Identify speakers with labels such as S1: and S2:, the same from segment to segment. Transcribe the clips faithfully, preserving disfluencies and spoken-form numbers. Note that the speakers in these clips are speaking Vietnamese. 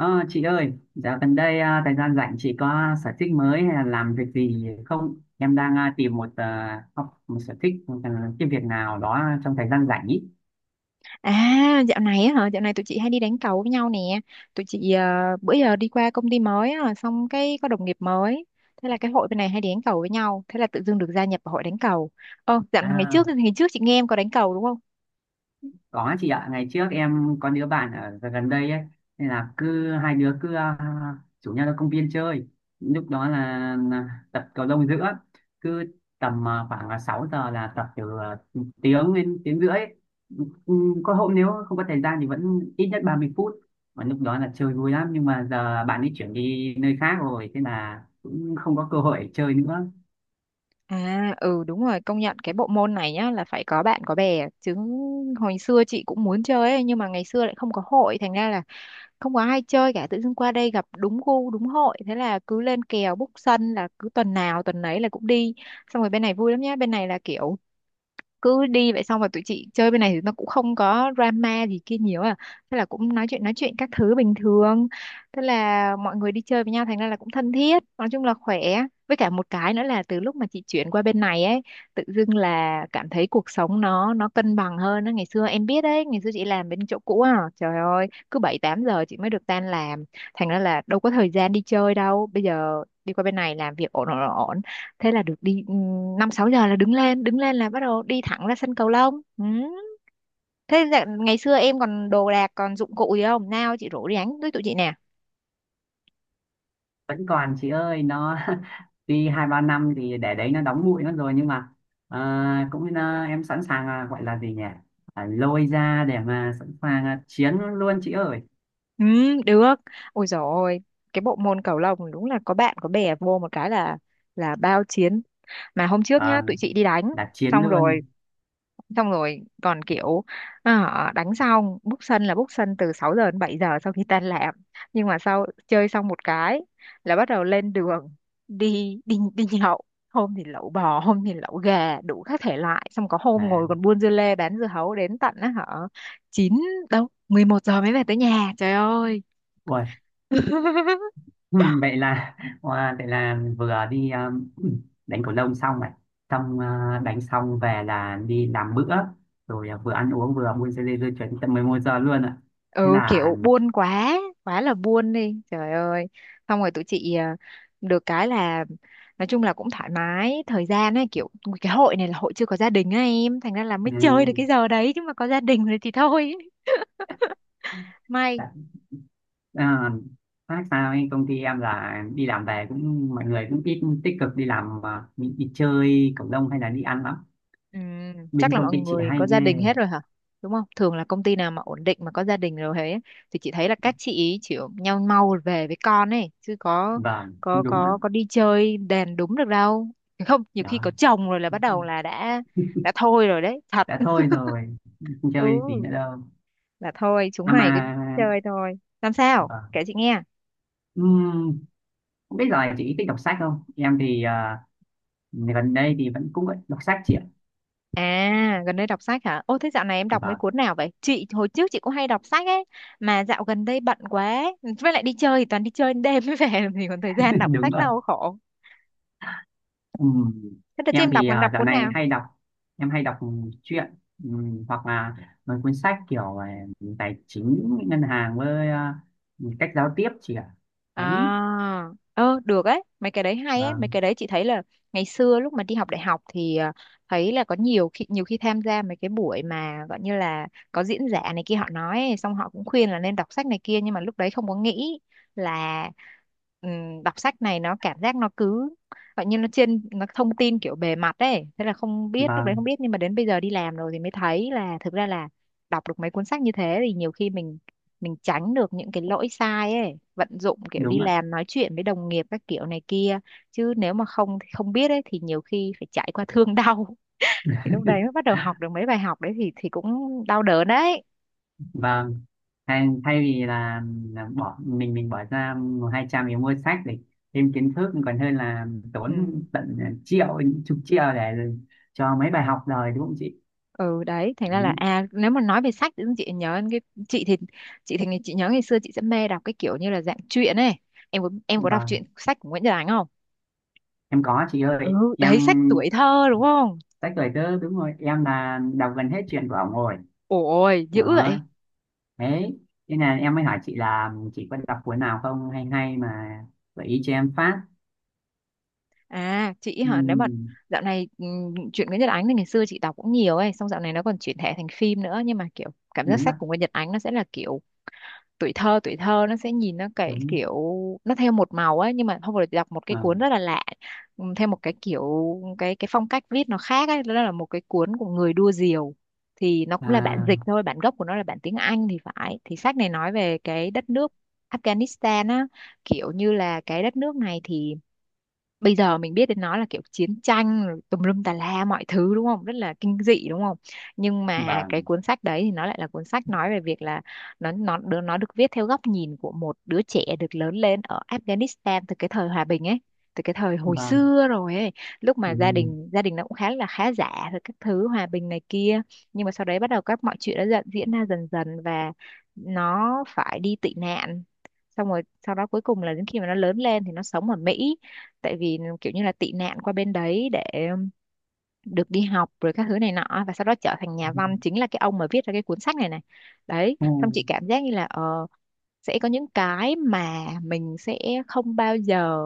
S1: Ờ, chị ơi, dạo gần đây à, thời gian rảnh chị có sở thích mới hay là làm việc gì không? Em đang à, tìm một à, học một sở thích một, à, cái việc nào đó trong thời gian rảnh ý.
S2: À, dạo này á hả? Dạo này tụi chị hay đi đánh cầu với nhau nè. Tụi chị ờ, bữa giờ đi qua công ty mới á, xong cái có đồng nghiệp mới. Thế là cái hội bên này hay đi đánh cầu với nhau. Thế là tự dưng được gia nhập vào hội đánh cầu. Ờ, dạo ngày trước
S1: À,
S2: ngày trước chị nghe em có đánh cầu đúng không?
S1: Có chị ạ, ngày trước em có đứa bạn ở gần gần đây ấy, nên là cứ hai đứa cứ à, rủ nhau ra công viên chơi. Lúc đó là, là tập cầu lông giữa, cứ tầm à, khoảng là sáu giờ là tập từ à, tiếng đến tiếng rưỡi. Ừ, Có hôm nếu không có thời gian thì vẫn ít nhất ba mươi phút. Mà lúc đó là chơi vui lắm, nhưng mà giờ bạn ấy chuyển đi nơi khác rồi, thế là cũng không có cơ hội để chơi nữa.
S2: À, ừ đúng rồi, công nhận cái bộ môn này nhá là phải có bạn có bè chứ hồi xưa chị cũng muốn chơi ấy, nhưng mà ngày xưa lại không có hội thành ra là không có ai chơi cả. Tự dưng qua đây gặp đúng gu đúng hội, thế là cứ lên kèo book sân là cứ tuần nào tuần nấy là cũng đi. Xong rồi bên này vui lắm nhá, bên này là kiểu cứ đi vậy, xong rồi tụi chị chơi bên này thì nó cũng không có drama gì kia nhiều à, thế là cũng nói chuyện nói chuyện các thứ bình thường, thế là mọi người đi chơi với nhau thành ra là cũng thân thiết, nói chung là khỏe. Với cả một cái nữa là từ lúc mà chị chuyển qua bên này ấy, tự dưng là cảm thấy cuộc sống nó nó cân bằng hơn á. Ngày xưa em biết đấy, ngày xưa chị làm bên chỗ cũ à, trời ơi, cứ bảy tám giờ chị mới được tan làm, thành ra là đâu có thời gian đi chơi đâu. Bây giờ đi qua bên này làm việc ổn ổn ổn, thế là được đi ừ, năm sáu giờ là đứng lên đứng lên là bắt đầu đi thẳng ra sân cầu lông ừ. Thế dạ- ngày xưa em còn đồ đạc còn dụng cụ gì không nào, chị rủ đi đánh với tụi chị nè.
S1: Vẫn còn chị ơi nó tuy hai ba năm thì để đấy nó đóng bụi mất rồi, nhưng mà à, cũng à, em sẵn sàng, à, gọi là gì nhỉ, à, lôi ra để mà sẵn sàng à, chiến luôn chị ơi.
S2: Ừ được. Ôi dồi ôi, cái bộ môn cầu lông đúng là có bạn có bè vô một cái là là bao chiến. Mà hôm trước nhá tụi
S1: Vâng,
S2: chị đi đánh,
S1: là chiến
S2: xong rồi
S1: luôn.
S2: xong rồi còn kiểu à, đánh xong book sân, là book sân từ sáu giờ đến bảy giờ sau khi tan làm. Nhưng mà sau chơi xong một cái là bắt đầu lên đường đi đi đi nhậu. Hôm thì lẩu bò hôm thì lẩu gà đủ các thể loại, xong có hôm
S1: À,
S2: ngồi còn buôn dưa lê bán dưa hấu đến tận á hả chín, đâu mười một giờ mới về tới nhà, trời ơi.
S1: ui, vậy là wow, vậy là vừa đi à, đánh cầu lông xong này, xong à, đánh xong về là đi làm bữa, rồi à, vừa ăn uống vừa buôn dê dê dê chuyển tận mười một giờ luôn ạ. Thế
S2: Ừ
S1: là
S2: kiểu buôn quá, quá là buôn đi trời ơi. Xong rồi tụi chị à, được cái là nói chung là cũng thoải mái thời gian ấy, kiểu cái hội này là hội chưa có gia đình á em, thành ra là mới chơi được cái giờ đấy, chứ mà có gia đình rồi thì thôi. May.
S1: ừ, À, khác sao ấy, công ty em là đi làm về cũng mọi người cũng ít tích cực đi làm mà đi, đi chơi cộng đồng hay là đi ăn lắm.
S2: Ừ, chắc
S1: Bên
S2: là
S1: công
S2: mọi
S1: ty chị
S2: người
S1: hay
S2: có gia đình
S1: ghê.
S2: hết rồi hả? Đúng không? Thường là công ty nào mà ổn định mà có gia đình rồi thế thì chị thấy là các chị ý chỉ nhau mau về với con ấy, chứ có
S1: Vâng
S2: có
S1: cũng đúng đó.
S2: có có đi chơi đèn đúng được đâu. Không, nhiều khi
S1: Đó.
S2: có chồng rồi là bắt đầu là đã đã thôi rồi đấy, thật.
S1: Đã thôi rồi, không chơi gì
S2: Ừ,
S1: nữa đâu.
S2: là thôi chúng
S1: À
S2: mày cứ
S1: mà
S2: chơi thôi. Làm sao? Kể
S1: vâng.
S2: chị nghe.
S1: Ừm, không biết rồi chị thích đọc sách không, em thì à, gần đây thì vẫn cũng vẫn đọc sách chị ạ.
S2: À, gần đây đọc sách hả? Ô, thế dạo này em đọc mấy
S1: Vâng.
S2: cuốn nào vậy? Chị, hồi trước chị cũng hay đọc sách ấy, mà dạo gần đây bận quá. Với lại đi chơi thì toàn đi chơi đến đêm mới về, thì còn thời gian đọc
S1: Đúng
S2: sách
S1: rồi.
S2: đâu khổ.
S1: Ừ.
S2: Thế đợt chị
S1: Em
S2: em đọc,
S1: thì
S2: làm
S1: à,
S2: đọc
S1: dạo
S2: cuốn
S1: này
S2: nào?
S1: hay đọc, em hay đọc truyện, ừ, hoặc là mấy cuốn sách kiểu à, tài chính ngân hàng với à, cách giao tiếp chị ạ.
S2: À,
S1: Đấy.
S2: ơ được ấy, mấy cái đấy hay ấy, mấy
S1: Vâng.
S2: cái đấy chị thấy là ngày xưa lúc mà đi học đại học thì à, thấy là có nhiều khi nhiều khi tham gia mấy cái buổi mà gọi như là có diễn giả này kia họ nói ấy, xong họ cũng khuyên là nên đọc sách này kia, nhưng mà lúc đấy không có nghĩ là ừm, đọc sách này nó cảm giác nó cứ gọi như nó trên, nó thông tin kiểu bề mặt ấy, thế là không biết, lúc đấy không
S1: Vâng
S2: biết, nhưng mà đến bây giờ đi làm rồi thì mới thấy là thực ra là đọc được mấy cuốn sách như thế thì nhiều khi mình mình tránh được những cái lỗi sai ấy, vận dụng kiểu đi
S1: đúng ạ.
S2: làm nói chuyện với đồng nghiệp các kiểu này kia. Chứ nếu mà không không biết ấy thì nhiều khi phải trải qua thương đau thì lúc đấy mới bắt đầu học được mấy bài học đấy, thì thì cũng đau đớn đấy.
S1: Vâng. Thay, thay vì là, là bỏ mình mình bỏ ra một hai trăm để mua sách để thêm kiến thức còn hơn là tốn
S2: Ừ
S1: tận triệu, chục triệu để cho mấy bài học rồi đúng không chị.
S2: ừ, đấy thành ra
S1: Ừ,
S2: là à nếu mà nói về sách thì chị nhớ đến cái, chị thì chị thì chị nhớ ngày xưa chị sẽ mê đọc cái kiểu như là dạng truyện ấy. Em có em có đọc truyện
S1: vâng
S2: sách của Nguyễn Nhật Ánh không?
S1: em có chị
S2: Ừ
S1: ơi em.
S2: đấy sách tuổi thơ đúng không.
S1: Sách lời tớ đúng rồi, em là đọc gần hết chuyện của ổng rồi.
S2: Ôi dữ
S1: Đó.
S2: vậy.
S1: Thế, thế là em mới hỏi chị là chị có đọc cuốn nào không, hay hay mà gợi ý cho em phát.
S2: À, chị
S1: Ừ,
S2: hả? Nếu mà dạo này ừm, truyện Nguyễn Nhật Ánh thì ngày xưa chị đọc cũng nhiều ấy, xong dạo này nó còn chuyển thể thành phim nữa, nhưng mà kiểu cảm giác
S1: đúng
S2: sách
S1: là
S2: của Nguyễn Nhật Ánh nó sẽ là kiểu tuổi thơ, tuổi thơ nó sẽ nhìn nó cái
S1: đúng.
S2: kiểu nó theo một màu ấy. Nhưng mà hôm vừa rồi chị đọc một cái cuốn rất
S1: Vâng.
S2: là lạ, ừm, theo một cái kiểu cái cái phong cách viết nó khác ấy, đó là một cái cuốn của người đua diều, thì nó cũng là bản
S1: à,
S2: dịch thôi, bản gốc của nó là bản tiếng Anh thì phải. Thì sách này nói về cái đất nước Afghanistan á, kiểu như là cái đất nước này thì bây giờ mình biết đến nó là kiểu chiến tranh rồi tùm lum tà la mọi thứ đúng không, rất là kinh dị đúng không. Nhưng mà
S1: vâng.
S2: cái cuốn sách đấy thì nó lại là cuốn sách nói về việc là nó nó đứa- nó được viết theo góc nhìn của một đứa trẻ được lớn lên ở Afghanistan từ cái thời hòa bình ấy, từ cái thời hồi
S1: Vâng.
S2: xưa rồi ấy, lúc mà gia
S1: Ừ.
S2: đình gia đình nó cũng khá là khá giả rồi các thứ, hòa bình này kia. Nhưng mà sau đấy bắt đầu các mọi chuyện đã dần diễn ra dần dần, và nó phải đi tị nạn, xong rồi sau đó cuối cùng là đến khi mà nó lớn lên thì nó sống ở Mỹ, tại vì kiểu như là tị nạn qua bên đấy để được đi học rồi các thứ này nọ, và sau đó trở thành nhà văn, chính là cái ông mà viết ra cái cuốn sách này này. Đấy.
S1: Ừ.
S2: Xong chị cảm giác như là ờ, sẽ có những cái mà mình sẽ không bao giờ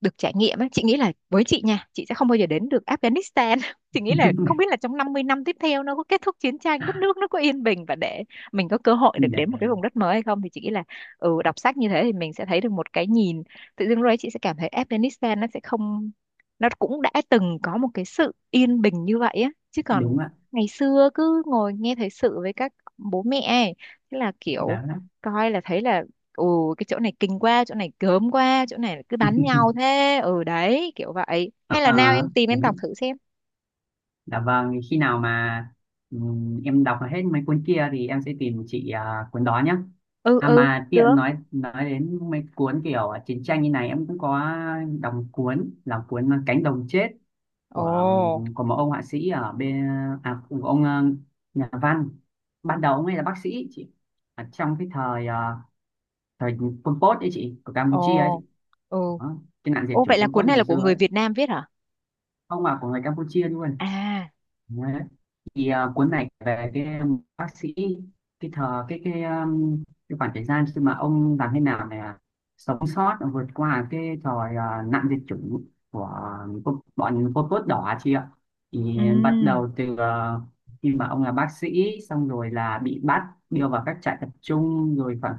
S2: được trải nghiệm ấy. Chị nghĩ là với chị nha, chị sẽ không bao giờ đến được Afghanistan chị nghĩ là không biết là trong năm mươi năm tiếp theo nó có kết thúc chiến tranh, đất nước nó có yên bình và để mình có cơ hội được
S1: Để
S2: đến một cái vùng đất mới hay không, thì chị nghĩ là ừ, đọc sách như thế thì mình sẽ thấy được một cái nhìn. Tự dưng rồi chị sẽ cảm thấy Afghanistan nó sẽ không, nó cũng đã từng có một cái sự yên bình như vậy á, chứ còn
S1: đúng ạ.
S2: ngày xưa cứ ngồi nghe thời sự với các bố mẹ ấy, thế là kiểu
S1: Đó đó.
S2: coi là thấy là ừ, cái chỗ này kinh quá, chỗ này gớm quá, chỗ này cứ bắn nhau thế. Ừ đấy kiểu vậy, hay là nào
S1: à,
S2: em tìm
S1: Đấy.
S2: em đọc thử xem.
S1: Dạ vâng, thì khi nào mà ừm, em đọc hết mấy cuốn kia thì em sẽ tìm chị à, cuốn đó nhé.
S2: Ừ
S1: À
S2: ừ
S1: mà
S2: được.
S1: tiện nói nói đến mấy cuốn kiểu chiến tranh như này em cũng có đọc một cuốn là cuốn Cánh đồng chết, của ừm,
S2: Ồ
S1: của một ông họa sĩ ở bên à, của ông ờ, nhà văn. Ban đầu ông ấy là bác sĩ chị. Ở trong cái thời ờ, thời Pol Pot ấy chị, của
S2: ồ.
S1: Campuchia ấy chị.
S2: Ừ.
S1: Đó, cái nạn diệt
S2: Ô vậy
S1: chủng
S2: là
S1: Pol
S2: cuốn
S1: Pot
S2: này là
S1: ngày
S2: của
S1: xưa
S2: người
S1: ấy.
S2: Việt Nam viết hả?
S1: Ông là của người Campuchia luôn.
S2: À.
S1: Thì à, cuốn này về cái um, bác sĩ, cái thờ cái cái um, cái khoảng thời gian khi mà ông làm thế nào để à, sống sót, à, vượt qua cái thời à, nạn diệt chủng của cô- bọn Pol Pot đỏ chị ạ, thì bắt
S2: Ừ.
S1: đầu từ à, khi mà ông là bác sĩ xong rồi là bị bắt, đưa vào các trại tập trung rồi khoảng,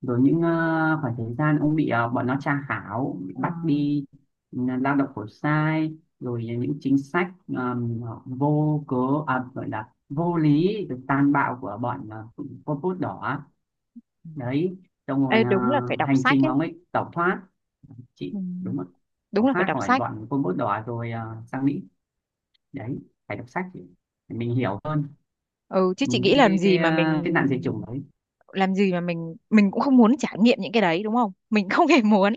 S1: rồi những à, khoảng thời gian ông bị à, bọn nó tra khảo, bị
S2: ờ,
S1: bắt đi, ừ, lao động khổ sai, rồi những chính sách um, vô cớ, à, gọi là vô lý được tàn bạo của bọn uh, Pol Pot đỏ.
S2: ừ.
S1: Đấy. Trong rồi
S2: Ê,
S1: ờ,
S2: đúng là phải đọc
S1: hành
S2: sách
S1: trình mà
S2: ấy.
S1: ông ấy tẩu thoát
S2: Ừ.
S1: chị đúng không,
S2: Đúng
S1: tẩu
S2: là phải
S1: thoát
S2: đọc
S1: khỏi
S2: sách.
S1: bọn Pol Pot đỏ rồi ờ, sang Mỹ. Đấy. Phải đọc sách để mình hiểu hơn
S2: Ừ, chứ chị
S1: cái
S2: nghĩ
S1: cái
S2: làm
S1: cái
S2: gì
S1: cái,
S2: mà mình
S1: ờ, cái nạn diệt chủng đấy.
S2: làm gì mà mình mình cũng không muốn trải nghiệm những cái đấy, đúng không, mình không hề muốn.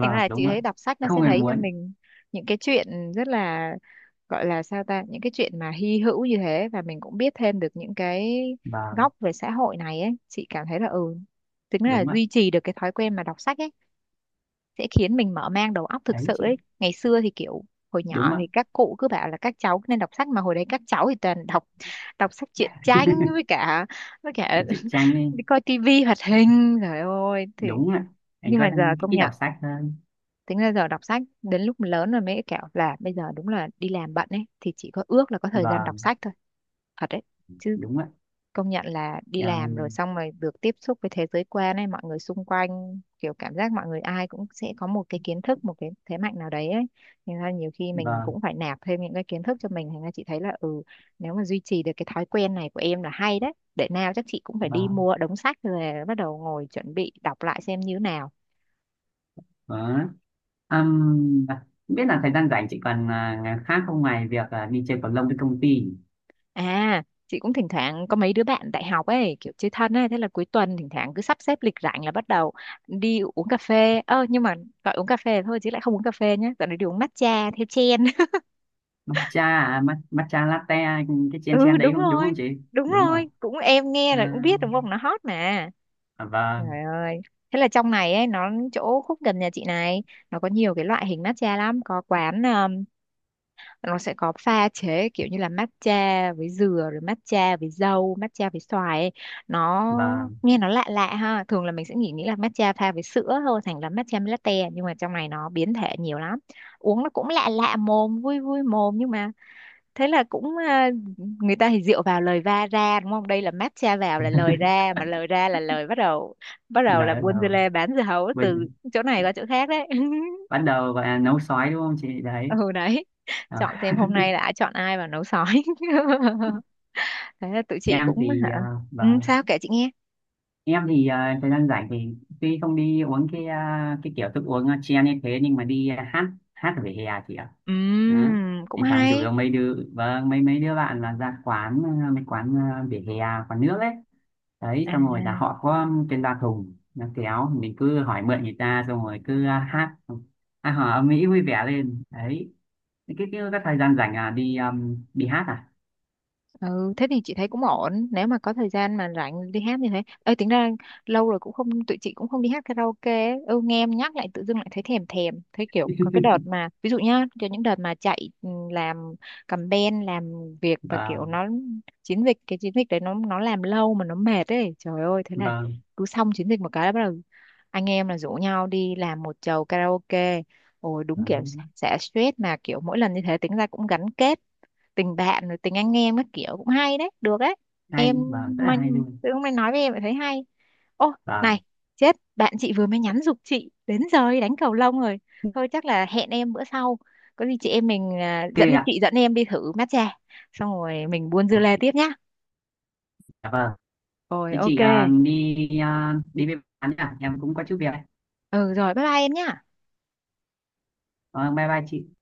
S2: Thành ra là
S1: đúng
S2: chị
S1: ạ.
S2: thấy đọc sách nó
S1: Không
S2: sẽ
S1: hề
S2: thấy cho
S1: muốn.
S2: mình những cái chuyện rất là, gọi là sao ta, những cái chuyện mà hy hữu như thế, và mình cũng biết thêm được những cái
S1: Vâng
S2: góc về xã hội này ấy. Chị cảm thấy là ừ, tính là
S1: đúng ạ.
S2: duy trì được cái thói quen mà đọc sách ấy sẽ khiến mình mở mang đầu óc thực
S1: Đấy
S2: sự
S1: chị.
S2: ấy. Ngày xưa thì kiểu hồi
S1: Đúng
S2: nhỏ
S1: ạ.
S2: thì các cụ cứ bảo là các cháu nên đọc sách, mà hồi đấy các cháu thì toàn đọc đọc sách truyện tranh với cả với cả
S1: Chị Trang ấy.
S2: đi coi tivi hoạt hình, trời ơi. Thì
S1: Đúng ạ. Anh
S2: nhưng
S1: có
S2: mà giờ
S1: đang
S2: công
S1: ít đọc
S2: nhận,
S1: sách hơn.
S2: tính ra giờ đọc sách đến lúc lớn rồi mới kiểu là bây giờ đúng là đi làm bận ấy, thì chỉ có ước là có thời gian đọc
S1: Vâng
S2: sách thôi. Thật đấy chứ,
S1: đúng ạ.
S2: công nhận là đi
S1: Dạ,
S2: làm rồi, xong rồi được tiếp xúc với thế giới quan ấy, mọi người xung quanh kiểu cảm giác mọi người ai cũng sẽ có một cái kiến thức, một cái thế mạnh nào đấy ấy. Thành ra nhiều khi mình
S1: vâng.
S2: cũng phải nạp thêm những cái kiến thức cho mình. Thành ra chị thấy là ừ, nếu mà duy trì được cái thói quen này của em là hay đấy. Để nào chắc chị cũng phải đi
S1: Vâng
S2: mua đống sách rồi bắt đầu ngồi chuẩn bị đọc lại xem như thế nào.
S1: vâng. Ừm, à, Không biết là thời gian rảnh chị còn à, ngày khác không, ngoài việc à, đi chơi cầu lông với công ty.
S2: À, chị cũng thỉnh thoảng có mấy đứa bạn đại học ấy, kiểu chơi thân ấy, thế là cuối tuần thỉnh thoảng cứ sắp xếp lịch rảnh là bắt đầu đi uống cà phê. Ơ nhưng mà gọi uống cà phê thôi chứ lại không uống cà phê nhé. Dạo này đi uống matcha theo trend.
S1: Matcha, à, ma- matcha latte, cái chen
S2: Ừ
S1: chen đấy
S2: đúng
S1: không, đúng không
S2: rồi,
S1: chị?
S2: đúng
S1: Đúng rồi.
S2: rồi, cũng em nghe là cũng
S1: à,
S2: biết đúng không, nó hot mà.
S1: à, vâng.
S2: Trời ơi. Thế là trong này ấy, nó chỗ khúc gần nhà chị này, nó có nhiều cái loại hình matcha lắm, có quán ờ, nó sẽ có pha chế kiểu như là matcha với dừa, rồi matcha với dâu, matcha với xoài ấy. Nó
S1: Vâng.
S2: nghe nó lạ lạ ha, thường là mình sẽ nghĩ nghĩ là matcha pha với sữa thôi, thành là matcha latte, nhưng mà trong này nó biến thể nhiều lắm. Uống nó cũng lạ lạ mồm, vui vui mồm. Nhưng mà thế là cũng à, người ta thì rượu vào lời va ra, đúng không, đây là matcha vào là lời ra, mà lời ra là lời bắt đầu, bắt đầu là
S1: Lời
S2: buôn dưa
S1: đầu.
S2: lê bán dưa hấu
S1: Bây-
S2: từ chỗ này qua chỗ khác đấy.
S1: Bắt đầu gọi là nấu sói đúng không chị đấy.
S2: Ừ đấy,
S1: à,
S2: chọn xem hôm nay đã chọn ai vào nấu sói. Thế là tụi chị
S1: em
S2: cũng
S1: thì
S2: hả.
S1: à,
S2: Ừ,
S1: vâng.
S2: sao kể chị nghe.
S1: Em thì à, thời gian rảnh thì tuy không đi uống cái à, cái kiểu thức uống à, chen như thế, nhưng mà đi à, hát, hát ở vỉa hè chị ạ. Đó.
S2: Ừm, cũng
S1: Thì tháng rủ
S2: hay
S1: mấy đứa, vâng mấy mấy đứa bạn là ra quán ờ, mấy quán ờ, vỉa hè, quán nước ấy, đấy, xong rồi là
S2: à.
S1: họ có trên loa thùng nó kéo, mình cứ hỏi mượn người ta xong rồi cứ ờ, hát, à, hò âm mỹ vui vẻ lên đấy. Cái cái, cái, cái thời gian rảnh là đi um, đi hát à.
S2: Ừ, thế thì chị thấy cũng ổn nếu mà có thời gian mà rảnh đi hát như thế. Ơi tính ra lâu rồi cũng không, tụi chị cũng không đi hát karaoke ấy. Ừ, nghe em nhắc lại tự dưng lại thấy thèm thèm, thấy kiểu có cái đợt mà ví dụ nhá, cho những đợt mà chạy ừ, làm campaign, làm việc và kiểu
S1: Vâng.
S2: nó chiến dịch, cái chiến dịch đấy nó nó làm lâu mà nó mệt ấy, trời ơi. Thế là
S1: Vâng
S2: cứ xong chiến dịch một cái là bắt đầu anh em là rủ nhau đi làm một chầu karaoke. Ôi đúng kiểu
S1: vâng.
S2: xả stress mà, kiểu mỗi lần như thế tính ra cũng gắn kết tình bạn rồi tình anh em các kiểu, cũng hay đấy, được đấy em.
S1: Hay vâng, rất là
S2: Mà
S1: hay luôn.
S2: tự hôm nay nói với em lại thấy hay. Ô
S1: Vâng
S2: này, chết, bạn chị vừa mới nhắn giục chị đến giờ đi đánh cầu lông rồi. Thôi chắc là hẹn em bữa sau, có gì chị em mình à,
S1: ok
S2: dẫn
S1: ạ.
S2: chị dẫn em đi thử matcha xong rồi mình buôn dưa lê tiếp nhá.
S1: Dạ vâng.
S2: Rồi
S1: Thế
S2: ok.
S1: chị ờ, đi ờ, đi với bạn nhá, em cũng có chút việc đây.
S2: Ừ rồi, bye bye em nhá.
S1: Vâng, bye bye chị.